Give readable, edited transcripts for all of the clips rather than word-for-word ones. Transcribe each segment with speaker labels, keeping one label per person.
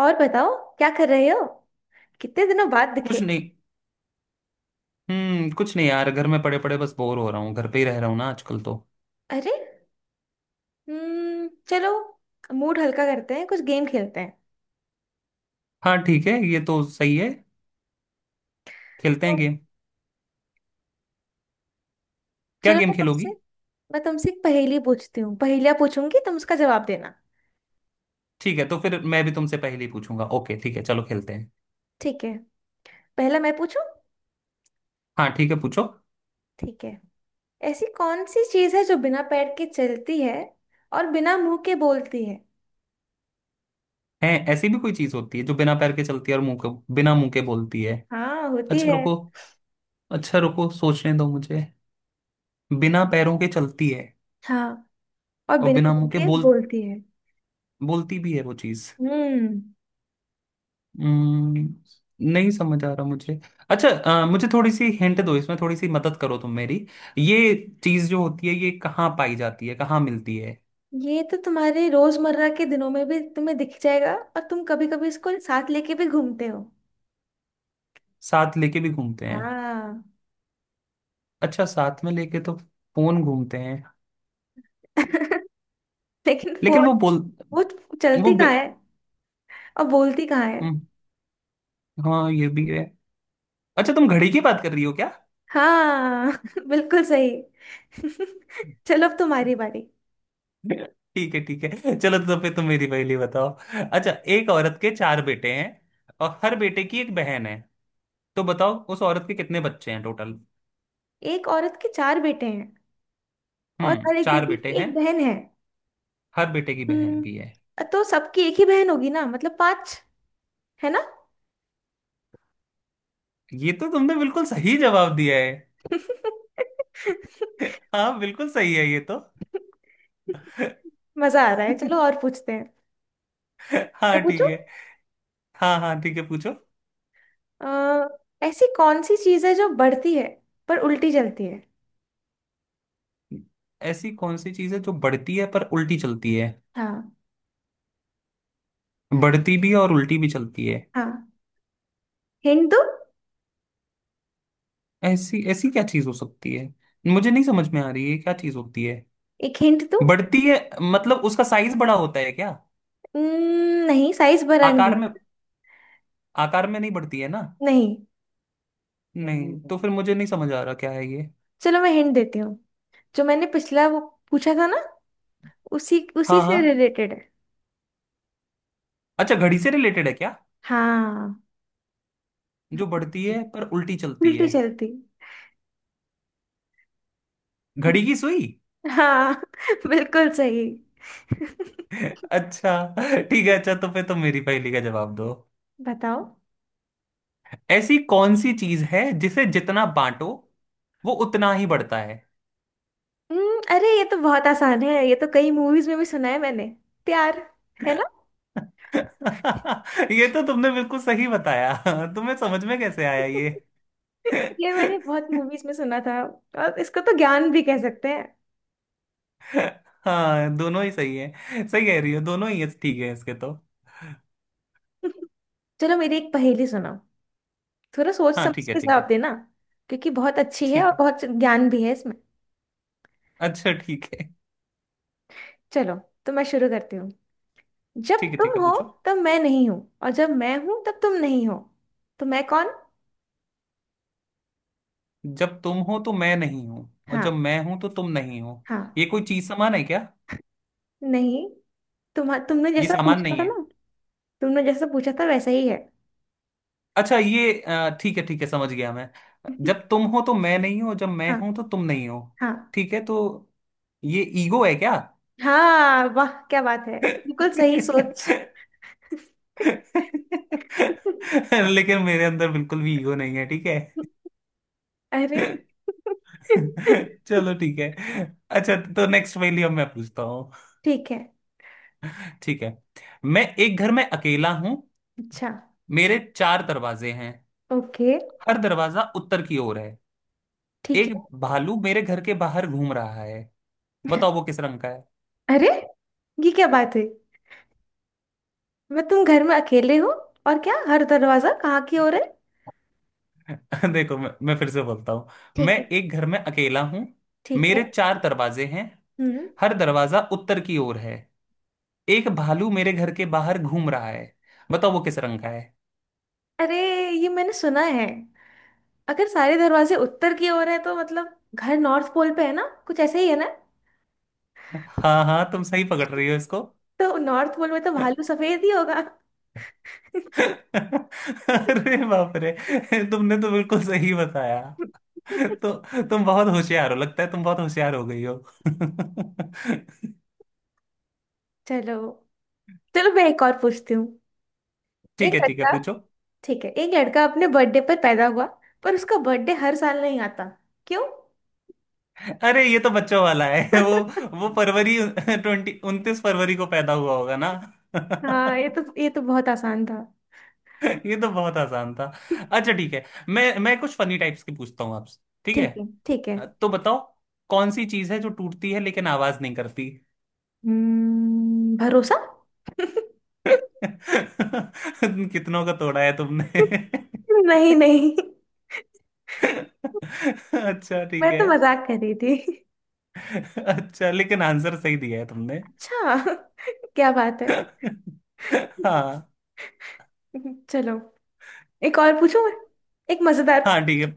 Speaker 1: और बताओ क्या कर रहे हो। कितने दिनों बाद दिखे।
Speaker 2: कुछ नहीं। कुछ नहीं यार, घर में पड़े पड़े बस बोर हो रहा हूँ। घर पे ही रह रहा हूँ ना आजकल तो।
Speaker 1: अरे, हम्म, चलो मूड हल्का करते हैं, कुछ गेम खेलते हैं।
Speaker 2: हाँ ठीक है, ये तो सही है। खेलते हैं
Speaker 1: तो
Speaker 2: गेम। क्या
Speaker 1: चलो
Speaker 2: गेम
Speaker 1: मैं तुमसे
Speaker 2: खेलोगी?
Speaker 1: मैं तुमसे एक पहेली पूछती हूँ। पहेलियाँ पूछूंगी, तुम उसका जवाब देना।
Speaker 2: ठीक है, तो फिर मैं भी तुमसे पहले ही पूछूंगा। ओके ठीक है, चलो खेलते हैं।
Speaker 1: ठीक है, पहला मैं पूछूं।
Speaker 2: हाँ ठीक है, पूछो।
Speaker 1: ठीक है, ऐसी कौन सी चीज़ है जो बिना पैर के चलती है और बिना मुंह के बोलती है।
Speaker 2: है ऐसी भी कोई चीज होती है जो बिना पैर के चलती है और मुंह के बिना मुंह के बोलती है?
Speaker 1: हाँ होती
Speaker 2: अच्छा
Speaker 1: है।
Speaker 2: रुको। अच्छा रुको, सोचने दो मुझे। बिना पैरों के चलती है
Speaker 1: हाँ, और
Speaker 2: और
Speaker 1: बिना
Speaker 2: बिना मुंह
Speaker 1: मुंह
Speaker 2: के
Speaker 1: के बोलती है।
Speaker 2: बोलती भी है वो चीज।
Speaker 1: हम्म।
Speaker 2: हम्म, नहीं समझ आ रहा मुझे। अच्छा, मुझे थोड़ी सी हिंट दो, इसमें थोड़ी सी मदद करो तुम मेरी। ये चीज जो होती है, ये कहाँ पाई जाती है, कहाँ मिलती है?
Speaker 1: ये तो तुम्हारे रोजमर्रा के दिनों में भी तुम्हें दिख जाएगा, और तुम कभी कभी इसको साथ लेके भी घूमते हो।
Speaker 2: साथ लेके भी घूमते हैं?
Speaker 1: हाँ।
Speaker 2: अच्छा, साथ में लेके तो फोन घूमते हैं।
Speaker 1: लेकिन
Speaker 2: लेकिन वो
Speaker 1: फोन
Speaker 2: बोल
Speaker 1: वो
Speaker 2: वो
Speaker 1: चलती कहाँ
Speaker 2: बे...
Speaker 1: है और बोलती कहाँ है।
Speaker 2: हम्म, हाँ ये भी है। अच्छा, तुम घड़ी की बात कर रही हो क्या?
Speaker 1: हाँ। बिल्कुल सही। चलो अब तुम्हारी बारी।
Speaker 2: ठीक है ठीक है, चलो तो फिर तुम मेरी पहली बताओ। अच्छा, एक औरत के चार बेटे हैं और हर बेटे की एक बहन है। तो बताओ उस औरत के कितने बच्चे हैं टोटल?
Speaker 1: एक औरत के चार बेटे हैं और
Speaker 2: हम्म,
Speaker 1: हर एक
Speaker 2: चार
Speaker 1: बेटी
Speaker 2: बेटे
Speaker 1: की
Speaker 2: हैं।
Speaker 1: एक बहन है।
Speaker 2: हर बेटे की बहन भी है।
Speaker 1: हम्म। तो सबकी एक ही बहन होगी ना, मतलब पांच। है ना।
Speaker 2: ये तो तुमने बिल्कुल सही जवाब दिया है। हाँ बिल्कुल सही है ये तो।
Speaker 1: मजा आ रहा है, चलो और पूछते हैं। मैं
Speaker 2: हाँ ठीक
Speaker 1: पूछूं।
Speaker 2: है। हाँ हाँ ठीक है, पूछो।
Speaker 1: अ, ऐसी कौन सी चीज है जो बढ़ती है पर उल्टी जलती है।
Speaker 2: ऐसी कौन सी चीज है जो बढ़ती है पर उल्टी चलती है?
Speaker 1: हाँ।
Speaker 2: बढ़ती भी है और उल्टी भी चलती है।
Speaker 1: हाँ हिंट दो।
Speaker 2: ऐसी ऐसी क्या चीज हो सकती है? मुझे नहीं समझ में आ रही है क्या चीज होती है।
Speaker 1: एक हिंट दो।
Speaker 2: बढ़ती है मतलब उसका साइज बड़ा होता है क्या?
Speaker 1: नहीं, साइज भरा नहीं
Speaker 2: आकार
Speaker 1: है।
Speaker 2: में? आकार में नहीं बढ़ती है ना?
Speaker 1: नहीं।
Speaker 2: नहीं, तो फिर मुझे नहीं समझ आ रहा क्या है ये।
Speaker 1: चलो मैं हिंट देती हूँ। जो मैंने पिछला वो पूछा था ना, उसी उसी
Speaker 2: हाँ हाँ।
Speaker 1: से रिलेटेड है।
Speaker 2: अच्छा, घड़ी से रिलेटेड है क्या?
Speaker 1: हाँ।
Speaker 2: जो बढ़ती है पर उल्टी चलती
Speaker 1: उल्टी
Speaker 2: है।
Speaker 1: चलती।
Speaker 2: घड़ी की
Speaker 1: हम्म,
Speaker 2: सुई।
Speaker 1: हाँ। बिल्कुल सही।
Speaker 2: अच्छा ठीक है। अच्छा, तो फिर तुम मेरी पहेली का जवाब दो।
Speaker 1: बताओ।
Speaker 2: ऐसी कौन सी चीज है जिसे जितना बांटो, वो उतना ही बढ़ता है?
Speaker 1: अरे ये तो बहुत आसान है, ये तो कई मूवीज में भी सुना है मैंने। प्यार। है ना।
Speaker 2: ये तो तुमने बिल्कुल सही बताया। तुम्हें समझ में कैसे आया ये?
Speaker 1: ये मैंने बहुत मूवीज में सुना था। और इसको तो ज्ञान भी कह सकते हैं।
Speaker 2: हाँ दोनों ही सही है। सही कह रही हो, दोनों ही है। ठीक है इसके तो।
Speaker 1: चलो मेरी एक पहेली सुनाओ। थोड़ा सोच
Speaker 2: हाँ
Speaker 1: समझ
Speaker 2: ठीक है
Speaker 1: के
Speaker 2: ठीक
Speaker 1: जवाब
Speaker 2: है।
Speaker 1: देना, क्योंकि बहुत अच्छी है और
Speaker 2: ठीक है।
Speaker 1: बहुत ज्ञान भी है इसमें।
Speaker 2: अच्छा ठीक है।
Speaker 1: चलो तो मैं शुरू करती हूँ। जब
Speaker 2: ठीक है ठीक
Speaker 1: तुम
Speaker 2: है,
Speaker 1: हो
Speaker 2: पूछो।
Speaker 1: तब मैं नहीं हूँ, और जब मैं हूँ तब तुम नहीं हो। तो मैं कौन।
Speaker 2: जब तुम हो तो मैं नहीं हूं, और जब
Speaker 1: हाँ।
Speaker 2: मैं हूं तो तुम नहीं हो।
Speaker 1: हाँ।
Speaker 2: ये कोई चीज समान है क्या?
Speaker 1: नहीं। तुमने
Speaker 2: ये
Speaker 1: जैसा
Speaker 2: सामान
Speaker 1: पूछा
Speaker 2: नहीं
Speaker 1: था
Speaker 2: है।
Speaker 1: ना, तुमने जैसा पूछा था वैसा ही है।
Speaker 2: अच्छा ठीक है ठीक है, समझ गया मैं। जब तुम हो तो मैं नहीं हूं, और जब मैं
Speaker 1: हाँ।
Speaker 2: हूं तो तुम नहीं हो।
Speaker 1: हाँ।
Speaker 2: ठीक है तो ये ईगो है क्या?
Speaker 1: हाँ, वाह क्या बात है, बिल्कुल सही सोच।
Speaker 2: लेकिन मेरे अंदर बिल्कुल भी ईगो नहीं है, ठीक है।
Speaker 1: अरे।
Speaker 2: चलो ठीक है। अच्छा तो नेक्स्ट पहेली अब मैं पूछता हूँ।
Speaker 1: ठीक है,
Speaker 2: ठीक है। मैं एक घर में अकेला हूं।
Speaker 1: अच्छा।
Speaker 2: मेरे चार दरवाजे हैं।
Speaker 1: ओके।
Speaker 2: हर दरवाजा उत्तर की ओर है।
Speaker 1: ठीक
Speaker 2: एक
Speaker 1: है।
Speaker 2: भालू मेरे घर के बाहर घूम रहा है। बताओ वो किस रंग का
Speaker 1: अरे ये क्या बात है। मैं, तुम घर में अकेले हो और क्या हर दरवाजा कहाँ की ओर है।
Speaker 2: है? देखो, मैं फिर से बोलता हूँ। मैं
Speaker 1: ठीक है,
Speaker 2: एक घर में अकेला हूँ।
Speaker 1: ठीक है।
Speaker 2: मेरे चार दरवाजे हैं।
Speaker 1: हम्म।
Speaker 2: हर दरवाजा उत्तर की ओर है। एक भालू मेरे घर के बाहर घूम रहा है। बताओ वो किस रंग का है?
Speaker 1: अरे ये मैंने सुना है। अगर सारे दरवाजे उत्तर की ओर है तो मतलब घर नॉर्थ पोल पे है ना, कुछ ऐसा ही है ना।
Speaker 2: हाँ हाँ तुम सही पकड़ रही हो इसको।
Speaker 1: तो नॉर्थ पोल में तो भालू सफेद ही होगा।
Speaker 2: अरे बाप रे, तुमने तो बिल्कुल सही बताया। तो तुम बहुत होशियार हो, लगता है तुम बहुत होशियार हो गई हो।
Speaker 1: चलो, चलो मैं एक और पूछती हूँ।
Speaker 2: ठीक
Speaker 1: एक
Speaker 2: है ठीक है,
Speaker 1: लड़का,
Speaker 2: पूछो।
Speaker 1: ठीक है, एक लड़का अपने बर्थडे पर पैदा हुआ पर उसका बर्थडे हर साल नहीं आता। क्यों।
Speaker 2: अरे ये तो बच्चों वाला है। वो फरवरी ट्वेंटी 29 फरवरी को पैदा हुआ होगा ना।
Speaker 1: हाँ, ये तो बहुत आसान था।
Speaker 2: ये तो बहुत आसान था। अच्छा ठीक है, मैं कुछ फनी टाइप्स की पूछता हूँ आपसे, ठीक है।
Speaker 1: ठीक है, ठीक है।
Speaker 2: तो बताओ, कौन सी चीज है जो टूटती है लेकिन आवाज नहीं करती?
Speaker 1: भरोसा।
Speaker 2: कितनों का तोड़ा है तुमने?
Speaker 1: नहीं नहीं,
Speaker 2: अच्छा
Speaker 1: मैं
Speaker 2: ठीक है।
Speaker 1: तो मजाक कर रही थी।
Speaker 2: अच्छा लेकिन आंसर सही दिया है तुमने।
Speaker 1: अच्छा। क्या बात है।
Speaker 2: हाँ।
Speaker 1: चलो एक और पूछूं मैं, एक मजेदार।
Speaker 2: हाँ ठीक है।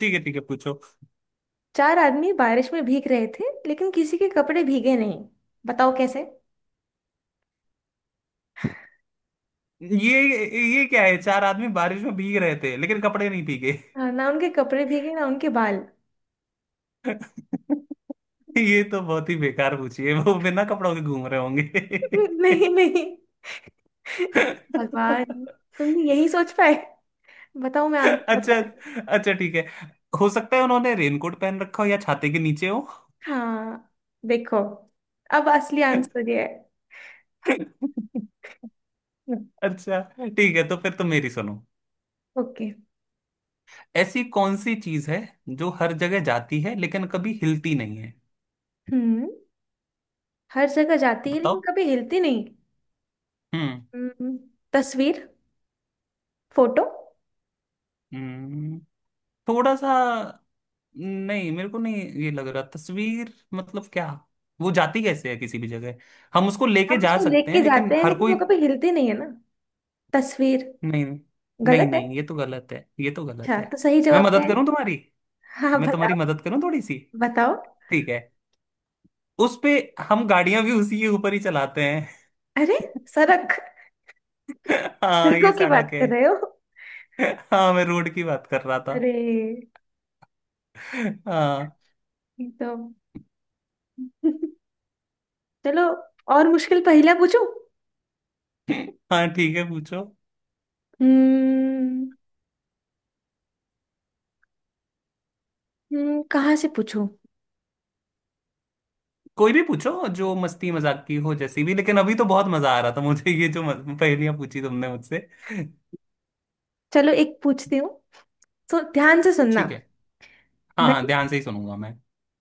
Speaker 2: ठीक है ठीक है, पूछो।
Speaker 1: चार आदमी बारिश में भीग रहे थे लेकिन किसी के कपड़े भीगे नहीं। बताओ कैसे।
Speaker 2: ये ये क्या है? चार आदमी बारिश में भीग रहे थे लेकिन कपड़े नहीं भीगे।
Speaker 1: हाँ, ना उनके कपड़े भीगे ना उनके बाल।
Speaker 2: ये तो बहुत ही बेकार पूछी है, वो बिना कपड़ों के घूम रहे होंगे।
Speaker 1: नहीं नहीं, भगवान, तुम यही सोच पाए। बताओ, मैं आंसर
Speaker 2: अच्छा।
Speaker 1: बताती हूँ।
Speaker 2: अच्छा ठीक है। हो सकता है उन्होंने रेनकोट पहन रखा हो, या छाते के नीचे हो।
Speaker 1: हाँ। देखो, अब असली आंसर ये है।
Speaker 2: अच्छा ठीक है, तो फिर तुम मेरी सुनो।
Speaker 1: ओके।
Speaker 2: ऐसी कौन सी चीज है जो हर जगह जाती है लेकिन कभी हिलती नहीं है?
Speaker 1: हम्म। हर जगह जाती है लेकिन
Speaker 2: बताओ।
Speaker 1: कभी हिलती नहीं।
Speaker 2: हम्म।
Speaker 1: हम्म, तस्वीर, फोटो।
Speaker 2: हम्म, थोड़ा सा। नहीं मेरे को नहीं ये लग रहा तस्वीर मतलब क्या, वो जाती कैसे है किसी भी जगह? हम उसको लेके
Speaker 1: हम
Speaker 2: जा
Speaker 1: उसको
Speaker 2: सकते हैं,
Speaker 1: लेके
Speaker 2: लेकिन
Speaker 1: जाते हैं
Speaker 2: हर
Speaker 1: लेकिन
Speaker 2: कोई
Speaker 1: वो कभी हिलती नहीं है ना, तस्वीर।
Speaker 2: नहीं। नहीं
Speaker 1: गलत है।
Speaker 2: नहीं, ये तो गलत है, ये तो गलत
Speaker 1: अच्छा
Speaker 2: है।
Speaker 1: तो सही
Speaker 2: मैं
Speaker 1: जवाब क्या
Speaker 2: मदद
Speaker 1: है।
Speaker 2: करूं तुम्हारी?
Speaker 1: हाँ
Speaker 2: मैं तुम्हारी
Speaker 1: बताओ।
Speaker 2: मदद करूं थोड़ी सी?
Speaker 1: बताओ।
Speaker 2: ठीक है। उस पे हम गाड़ियां भी उसी के ऊपर ही चलाते हैं।
Speaker 1: अरे, सड़क।
Speaker 2: हाँ ये
Speaker 1: सड़कों की
Speaker 2: सड़क
Speaker 1: बात
Speaker 2: है।
Speaker 1: कर रहे हो।
Speaker 2: हाँ मैं रोड की बात कर रहा था।
Speaker 1: अरे,
Speaker 2: हाँ।
Speaker 1: एकदम। चलो और मुश्किल पहला पूछूं।
Speaker 2: हाँ ठीक है, पूछो।
Speaker 1: हम्म कहाँ से पूछूं।
Speaker 2: कोई भी पूछो जो मस्ती मजाक की हो, जैसी भी, लेकिन अभी तो बहुत मजा आ रहा था मुझे ये जो पहेलियां पूछी तुमने मुझसे।
Speaker 1: चलो एक पूछती हूँ, तो ध्यान से सुनना।
Speaker 2: ठीक है। हाँ
Speaker 1: मैं,
Speaker 2: हाँ ध्यान से ही सुनूंगा मैं।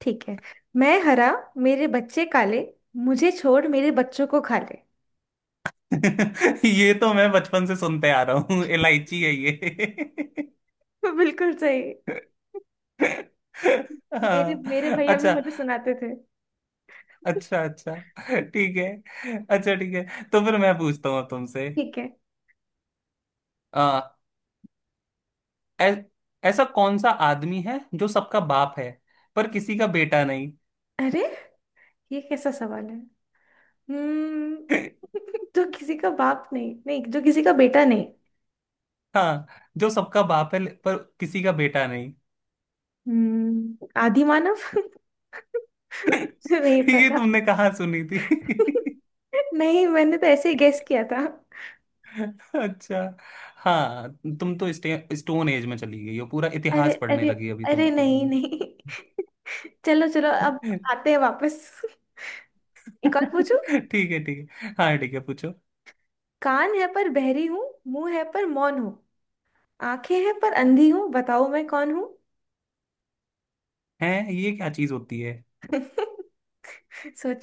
Speaker 1: ठीक है, मैं हरा, मेरे बच्चे काले, मुझे छोड़ मेरे बच्चों को खा ले।
Speaker 2: ये तो मैं बचपन से सुनते आ रहा हूँ, इलायची है ये।
Speaker 1: बिल्कुल सही। मेरे मेरे
Speaker 2: हाँ।
Speaker 1: भैया भी
Speaker 2: अच्छा।
Speaker 1: मुझे सुनाते थे।
Speaker 2: अच्छा अच्छा। ठीक है अच्छा ठीक है, तो फिर मैं पूछता हूँ अब तुमसे।
Speaker 1: ठीक है।
Speaker 2: ऐ, ऐसा कौन सा आदमी है जो सबका बाप है पर किसी का बेटा नहीं?
Speaker 1: अरे ये कैसा सवाल है। हम्म। जो किसी का बाप नहीं, नहीं, जो किसी का बेटा नहीं।
Speaker 2: हाँ, जो सबका बाप है पर किसी का बेटा नहीं।
Speaker 1: हम्म, आदि मानव। नहीं
Speaker 2: ये
Speaker 1: पता।
Speaker 2: तुमने कहाँ सुनी थी?
Speaker 1: नहीं, मैंने तो ऐसे ही गेस किया था।
Speaker 2: अच्छा। हाँ, तुम तो स्टोन एज में चली गई हो, पूरा
Speaker 1: अरे
Speaker 2: इतिहास पढ़ने
Speaker 1: अरे,
Speaker 2: लगी अभी तुम
Speaker 1: अरे
Speaker 2: तो
Speaker 1: नहीं
Speaker 2: तुम।
Speaker 1: नहीं। चलो, चलो अब आते हैं वापस। एक और पूछू।
Speaker 2: ठीक है ठीक है। हाँ ठीक है, पूछो।
Speaker 1: कान है पर बहरी हूँ, मुंह है पर मौन हूँ, आंखें हैं पर अंधी हूँ, बताओ मैं कौन हूँ।
Speaker 2: हैं, ये क्या चीज होती है?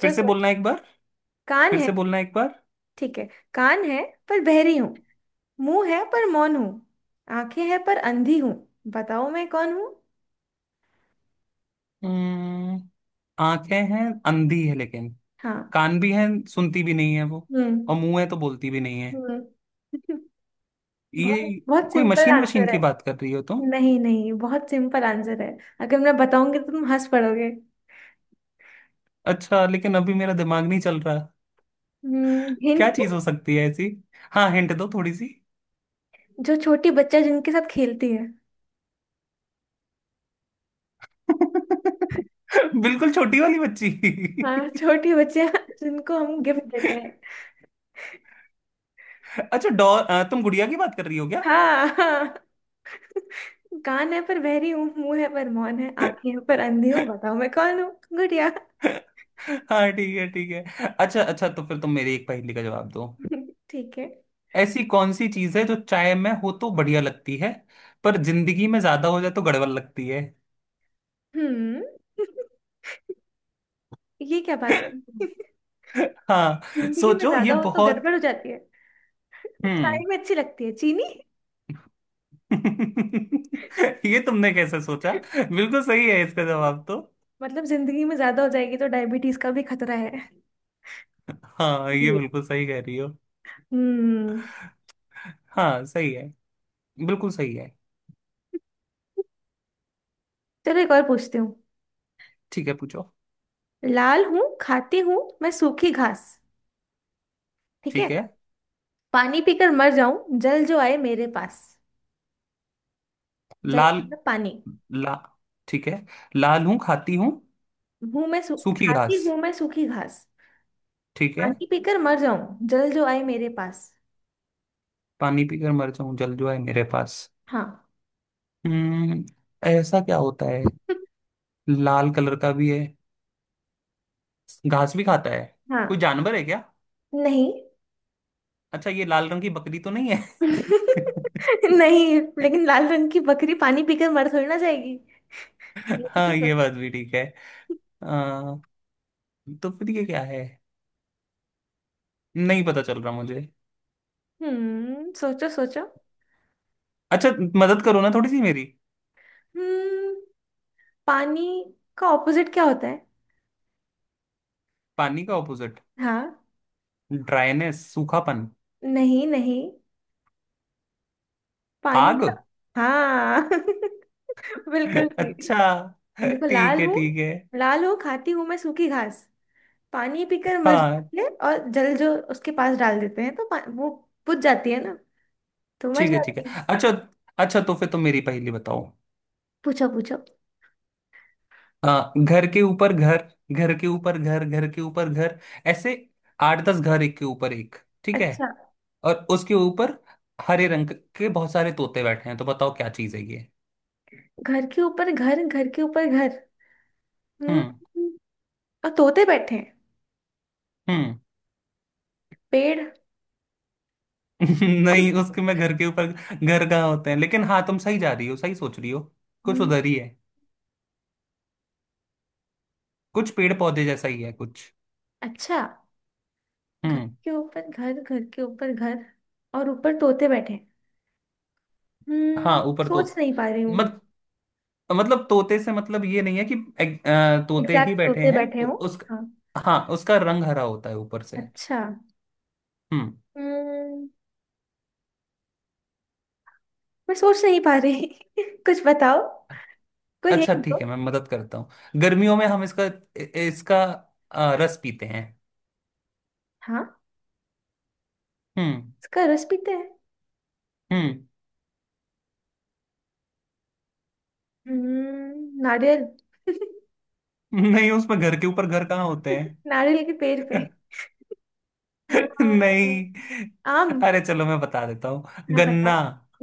Speaker 2: फिर से बोलना
Speaker 1: सोचो।
Speaker 2: एक बार।
Speaker 1: कान
Speaker 2: फिर
Speaker 1: है,
Speaker 2: से बोलना एक बार।
Speaker 1: ठीक है, कान है पर बहरी हूँ, मुंह है पर मौन हूँ, आंखें हैं पर अंधी हूँ, बताओ मैं कौन हूँ।
Speaker 2: हम्म, आंखें हैं, अंधी है लेकिन
Speaker 1: हाँ।
Speaker 2: कान भी है, सुनती भी नहीं है वो।
Speaker 1: हम्म।
Speaker 2: और मुंह है तो बोलती भी नहीं है।
Speaker 1: हम्म।
Speaker 2: ये
Speaker 1: बहुत बहुत
Speaker 2: कोई
Speaker 1: सिंपल
Speaker 2: मशीन वशीन
Speaker 1: आंसर
Speaker 2: की
Speaker 1: है।
Speaker 2: बात कर रही हो तुम?
Speaker 1: नहीं नहीं, बहुत सिंपल आंसर है, अगर मैं बताऊंगी तो तुम हंस पड़ोगे।
Speaker 2: अच्छा, लेकिन अभी मेरा दिमाग नहीं चल रहा।
Speaker 1: हिंट।
Speaker 2: क्या चीज हो सकती है ऐसी? हाँ हिंट दो थोड़ी सी।
Speaker 1: जो छोटी बच्चा जिनके साथ खेलती है।
Speaker 2: बिल्कुल छोटी वाली बच्ची?
Speaker 1: हाँ, छोटी बच्चे जिनको हम गिफ्ट देते हैं।
Speaker 2: अच्छा तुम गुड़िया की बात कर रही हो क्या?
Speaker 1: हाँ हाँ। कान है पर बहरी हूँ, मुंह है पर मौन है, आंखें हैं पर अंधी हूँ, बताओ मैं कौन हूँ। गुड़िया।
Speaker 2: हाँ ठीक है ठीक है। अच्छा अच्छा, तो फिर तुम मेरी एक पहेली का जवाब दो।
Speaker 1: ठीक है।
Speaker 2: ऐसी कौन सी चीज है जो चाय में हो तो बढ़िया लगती है, पर जिंदगी में ज्यादा हो जाए तो गड़बड़ लगती है?
Speaker 1: हम्म, ये क्या बात है।
Speaker 2: हाँ
Speaker 1: जिंदगी में
Speaker 2: सोचो, ये
Speaker 1: ज्यादा हो तो
Speaker 2: बहुत।
Speaker 1: गड़बड़ हो जाती है। चाय
Speaker 2: हम्म।
Speaker 1: में अच्छी लगती है, चीनी।
Speaker 2: ये तुमने कैसे सोचा, बिल्कुल सही है इसका जवाब तो।
Speaker 1: मतलब जिंदगी में ज्यादा हो जाएगी तो डायबिटीज का भी खतरा है।
Speaker 2: हाँ ये
Speaker 1: ये।
Speaker 2: बिल्कुल सही कह रही हो।
Speaker 1: हम्म।
Speaker 2: हाँ सही है, बिल्कुल सही है।
Speaker 1: चलो एक और पूछती हूँ।
Speaker 2: ठीक है पूछो।
Speaker 1: लाल हूँ खाती हूँ मैं सूखी घास। ठीक है।
Speaker 2: ठीक है।
Speaker 1: पानी पीकर मर जाऊं जल जो आए मेरे पास। जल
Speaker 2: लाल
Speaker 1: मतलब पानी।
Speaker 2: ला ठीक है। लाल हूं, खाती हूँ
Speaker 1: हूँ
Speaker 2: सूखी
Speaker 1: खाती
Speaker 2: घास।
Speaker 1: हूँ मैं सूखी घास।
Speaker 2: ठीक है।
Speaker 1: पानी पीकर मर जाऊं जल जो आए मेरे पास।
Speaker 2: पानी पीकर मर जाऊं जल जो है मेरे पास।
Speaker 1: हाँ।
Speaker 2: हम्म। ऐसा क्या होता है? लाल कलर का भी है, घास भी खाता है। कोई
Speaker 1: हाँ।
Speaker 2: जानवर है क्या?
Speaker 1: नहीं।
Speaker 2: अच्छा ये लाल रंग की बकरी तो नहीं है?
Speaker 1: नहीं, लेकिन लाल रंग की बकरी पानी पीकर मर थोड़ी ना जाएगी। ये भी तो
Speaker 2: हाँ ये
Speaker 1: सोचो।
Speaker 2: बात भी ठीक है। आ, तो फिर ये क्या है, नहीं पता चल रहा मुझे।
Speaker 1: हम्म, सोचो सोचो।
Speaker 2: अच्छा मदद करो ना थोड़ी सी मेरी।
Speaker 1: हम्म, पानी का ऑपोजिट क्या होता है।
Speaker 2: पानी का ऑपोजिट?
Speaker 1: हाँ।
Speaker 2: ड्राइनेस, सूखापन।
Speaker 1: नहीं नहीं, पानी
Speaker 2: आग।
Speaker 1: का। हाँ। बिल्कुल सही।
Speaker 2: अच्छा
Speaker 1: देखो,
Speaker 2: ठीक
Speaker 1: लाल
Speaker 2: है
Speaker 1: हूँ,
Speaker 2: ठीक है।
Speaker 1: लाल हूँ खाती हूँ मैं सूखी घास, पानी पीकर मर
Speaker 2: हाँ
Speaker 1: जाती है, और जल जो उसके पास डाल देते हैं तो वो बुझ जाती है ना, तो मर
Speaker 2: ठीक है ठीक
Speaker 1: जाती है।
Speaker 2: है। अच्छा अच्छा, तो फिर तुम मेरी पहेली बताओ।
Speaker 1: पूछो पूछो।
Speaker 2: हाँ, घर के ऊपर घर, घर के ऊपर घर, घर के ऊपर घर, ऐसे आठ दस घर एक के ऊपर एक, ठीक है?
Speaker 1: अच्छा।
Speaker 2: और उसके ऊपर हरे रंग के बहुत सारे तोते बैठे हैं। तो बताओ क्या चीज है ये?
Speaker 1: घर के ऊपर घर, घर के ऊपर घर। हम्म,
Speaker 2: हम्म।
Speaker 1: और तोते बैठे हैं,
Speaker 2: हम्म।
Speaker 1: पेड़।
Speaker 2: नहीं उसके, मैं घर के ऊपर घर कहाँ होते हैं, लेकिन हाँ तुम सही जा रही हो, सही सोच रही हो। कुछ
Speaker 1: हम्म,
Speaker 2: उधर ही है, कुछ पेड़ पौधे जैसा ही है कुछ।
Speaker 1: अच्छा। घर
Speaker 2: हम्म।
Speaker 1: के ऊपर घर, घर के ऊपर घर, और ऊपर तोते बैठे हैं।
Speaker 2: हाँ
Speaker 1: हम्म,
Speaker 2: ऊपर तो
Speaker 1: सोच नहीं पा रही हूँ।
Speaker 2: मत मतलब तोते से मतलब ये नहीं है कि तोते ही
Speaker 1: एग्जैक्ट
Speaker 2: बैठे
Speaker 1: तोते
Speaker 2: हैं
Speaker 1: बैठे हो।
Speaker 2: उस।
Speaker 1: हाँ।
Speaker 2: हाँ उसका रंग हरा होता है ऊपर से।
Speaker 1: अच्छा।
Speaker 2: हम्म।
Speaker 1: हम्म। मैं सोच नहीं पा रही। कुछ बताओ, कोई
Speaker 2: अच्छा
Speaker 1: हिंट दो।
Speaker 2: ठीक है, मैं मदद करता हूँ। गर्मियों में हम इसका इसका रस पीते हैं।
Speaker 1: हाँ।
Speaker 2: हम्म।
Speaker 1: उसका रस पीते हैं।
Speaker 2: हम्म।
Speaker 1: हम्म, नारियल।
Speaker 2: नहीं उसमें घर के ऊपर घर कहाँ होते हैं?
Speaker 1: नारियल के पेड़ पे। हाँ,
Speaker 2: नहीं।
Speaker 1: आम।
Speaker 2: अरे चलो मैं बता देता हूँ।
Speaker 1: हाँ
Speaker 2: गन्ना।
Speaker 1: बताओ।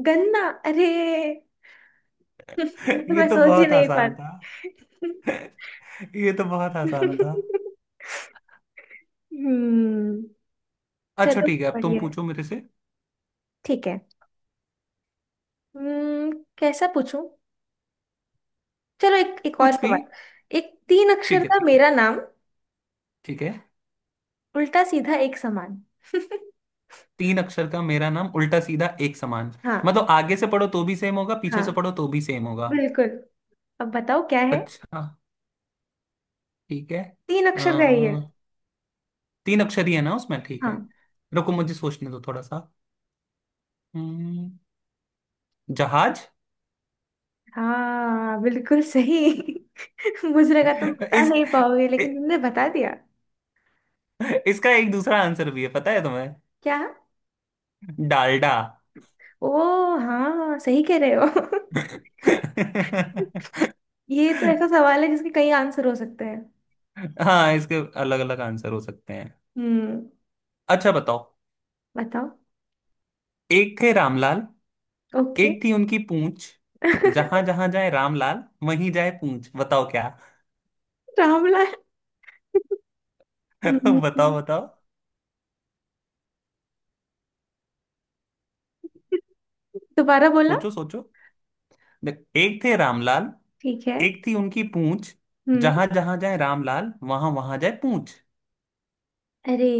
Speaker 1: गन्ना। अरे। तो
Speaker 2: ये
Speaker 1: मैं
Speaker 2: तो
Speaker 1: सोच ही
Speaker 2: बहुत
Speaker 1: नहीं पा।
Speaker 2: आसान था। ये तो बहुत आसान था।
Speaker 1: हम्म।
Speaker 2: अच्छा
Speaker 1: चलो,
Speaker 2: ठीक है, अब तुम
Speaker 1: बढ़िया है।
Speaker 2: पूछो मेरे से।
Speaker 1: ठीक है। हम्म, कैसा पूछूं। चलो एक, एक और
Speaker 2: कुछ भी।
Speaker 1: सवाल। एक तीन
Speaker 2: ठीक
Speaker 1: अक्षर
Speaker 2: है
Speaker 1: का
Speaker 2: ठीक है।
Speaker 1: मेरा नाम,
Speaker 2: ठीक है।
Speaker 1: उल्टा सीधा एक समान।
Speaker 2: तीन अक्षर का मेरा नाम, उल्टा सीधा एक समान।
Speaker 1: हाँ।
Speaker 2: मतलब आगे से पढ़ो तो भी सेम होगा, पीछे से
Speaker 1: हाँ,
Speaker 2: पढ़ो तो भी सेम होगा।
Speaker 1: बिल्कुल। अब बताओ क्या है।
Speaker 2: अच्छा ठीक है।
Speaker 1: तीन
Speaker 2: आ,
Speaker 1: अक्षर का ही है ये।
Speaker 2: तीन अक्षर ही है ना उसमें, ठीक
Speaker 1: हाँ।
Speaker 2: है। रुको मुझे सोचने दो थोड़ा सा। हम्म, जहाज।
Speaker 1: हाँ बिल्कुल सही। मुजरे का तुम बता
Speaker 2: इस
Speaker 1: नहीं पाओगे,
Speaker 2: इ,
Speaker 1: लेकिन तुमने बता दिया।
Speaker 2: इसका एक दूसरा आंसर भी है, पता है तुम्हें?
Speaker 1: क्या।
Speaker 2: डालडा।
Speaker 1: ओ, हाँ सही कह रहे हो। ये तो ऐसा सवाल है जिसके कई आंसर हो सकते हैं।
Speaker 2: हाँ इसके अलग अलग आंसर हो सकते हैं।
Speaker 1: हम्म।
Speaker 2: अच्छा बताओ।
Speaker 1: बताओ।
Speaker 2: एक थे रामलाल,
Speaker 1: ओके।
Speaker 2: एक थी उनकी पूंछ। जहां जहां जाए रामलाल, वहीं जाए पूंछ। बताओ क्या?
Speaker 1: रामलाल। हम्म,
Speaker 2: बताओ बताओ।
Speaker 1: दोबारा बोला।
Speaker 2: सोचो सोचो। देख, एक थे रामलाल,
Speaker 1: ठीक है।
Speaker 2: एक थी उनकी पूंछ।
Speaker 1: हम्म।
Speaker 2: जहां जहां जाए रामलाल वहां वहां जाए पूंछ।
Speaker 1: अरे,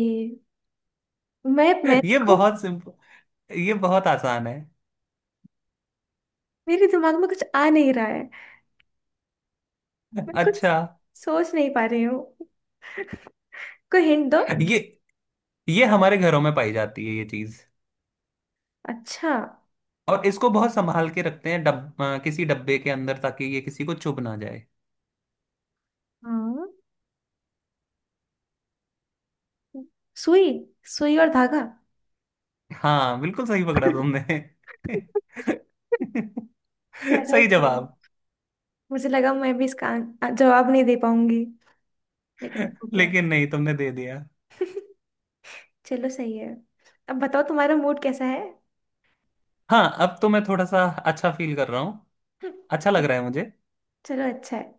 Speaker 1: मैं
Speaker 2: ये
Speaker 1: खुद,
Speaker 2: बहुत सिंपल, ये बहुत आसान है।
Speaker 1: मेरे दिमाग में कुछ आ नहीं रहा है। मैं कुछ
Speaker 2: अच्छा।
Speaker 1: सोच नहीं पा रही हूँ। कोई हिंट दो।
Speaker 2: ये ये हमारे घरों में पाई जाती है ये चीज।
Speaker 1: अच्छा।
Speaker 2: और इसको बहुत संभाल के रखते हैं किसी डब्बे के अंदर ताकि ये किसी को चुभ ना जाए।
Speaker 1: हाँ। सुई, सुई और धागा।
Speaker 2: हाँ बिल्कुल सही पकड़ा तुमने।
Speaker 1: चलो
Speaker 2: सही
Speaker 1: सही।
Speaker 2: जवाब।
Speaker 1: मुझे लगा मैं भी इसका जवाब नहीं दे पाऊंगी, लेकिन हो गया।
Speaker 2: लेकिन नहीं, तुमने दे दिया।
Speaker 1: चलो सही है। अब बताओ तुम्हारा मूड कैसा है।
Speaker 2: हाँ अब तो मैं थोड़ा सा अच्छा फील कर रहा हूँ। अच्छा लग रहा है मुझे।
Speaker 1: चलो अच्छा है।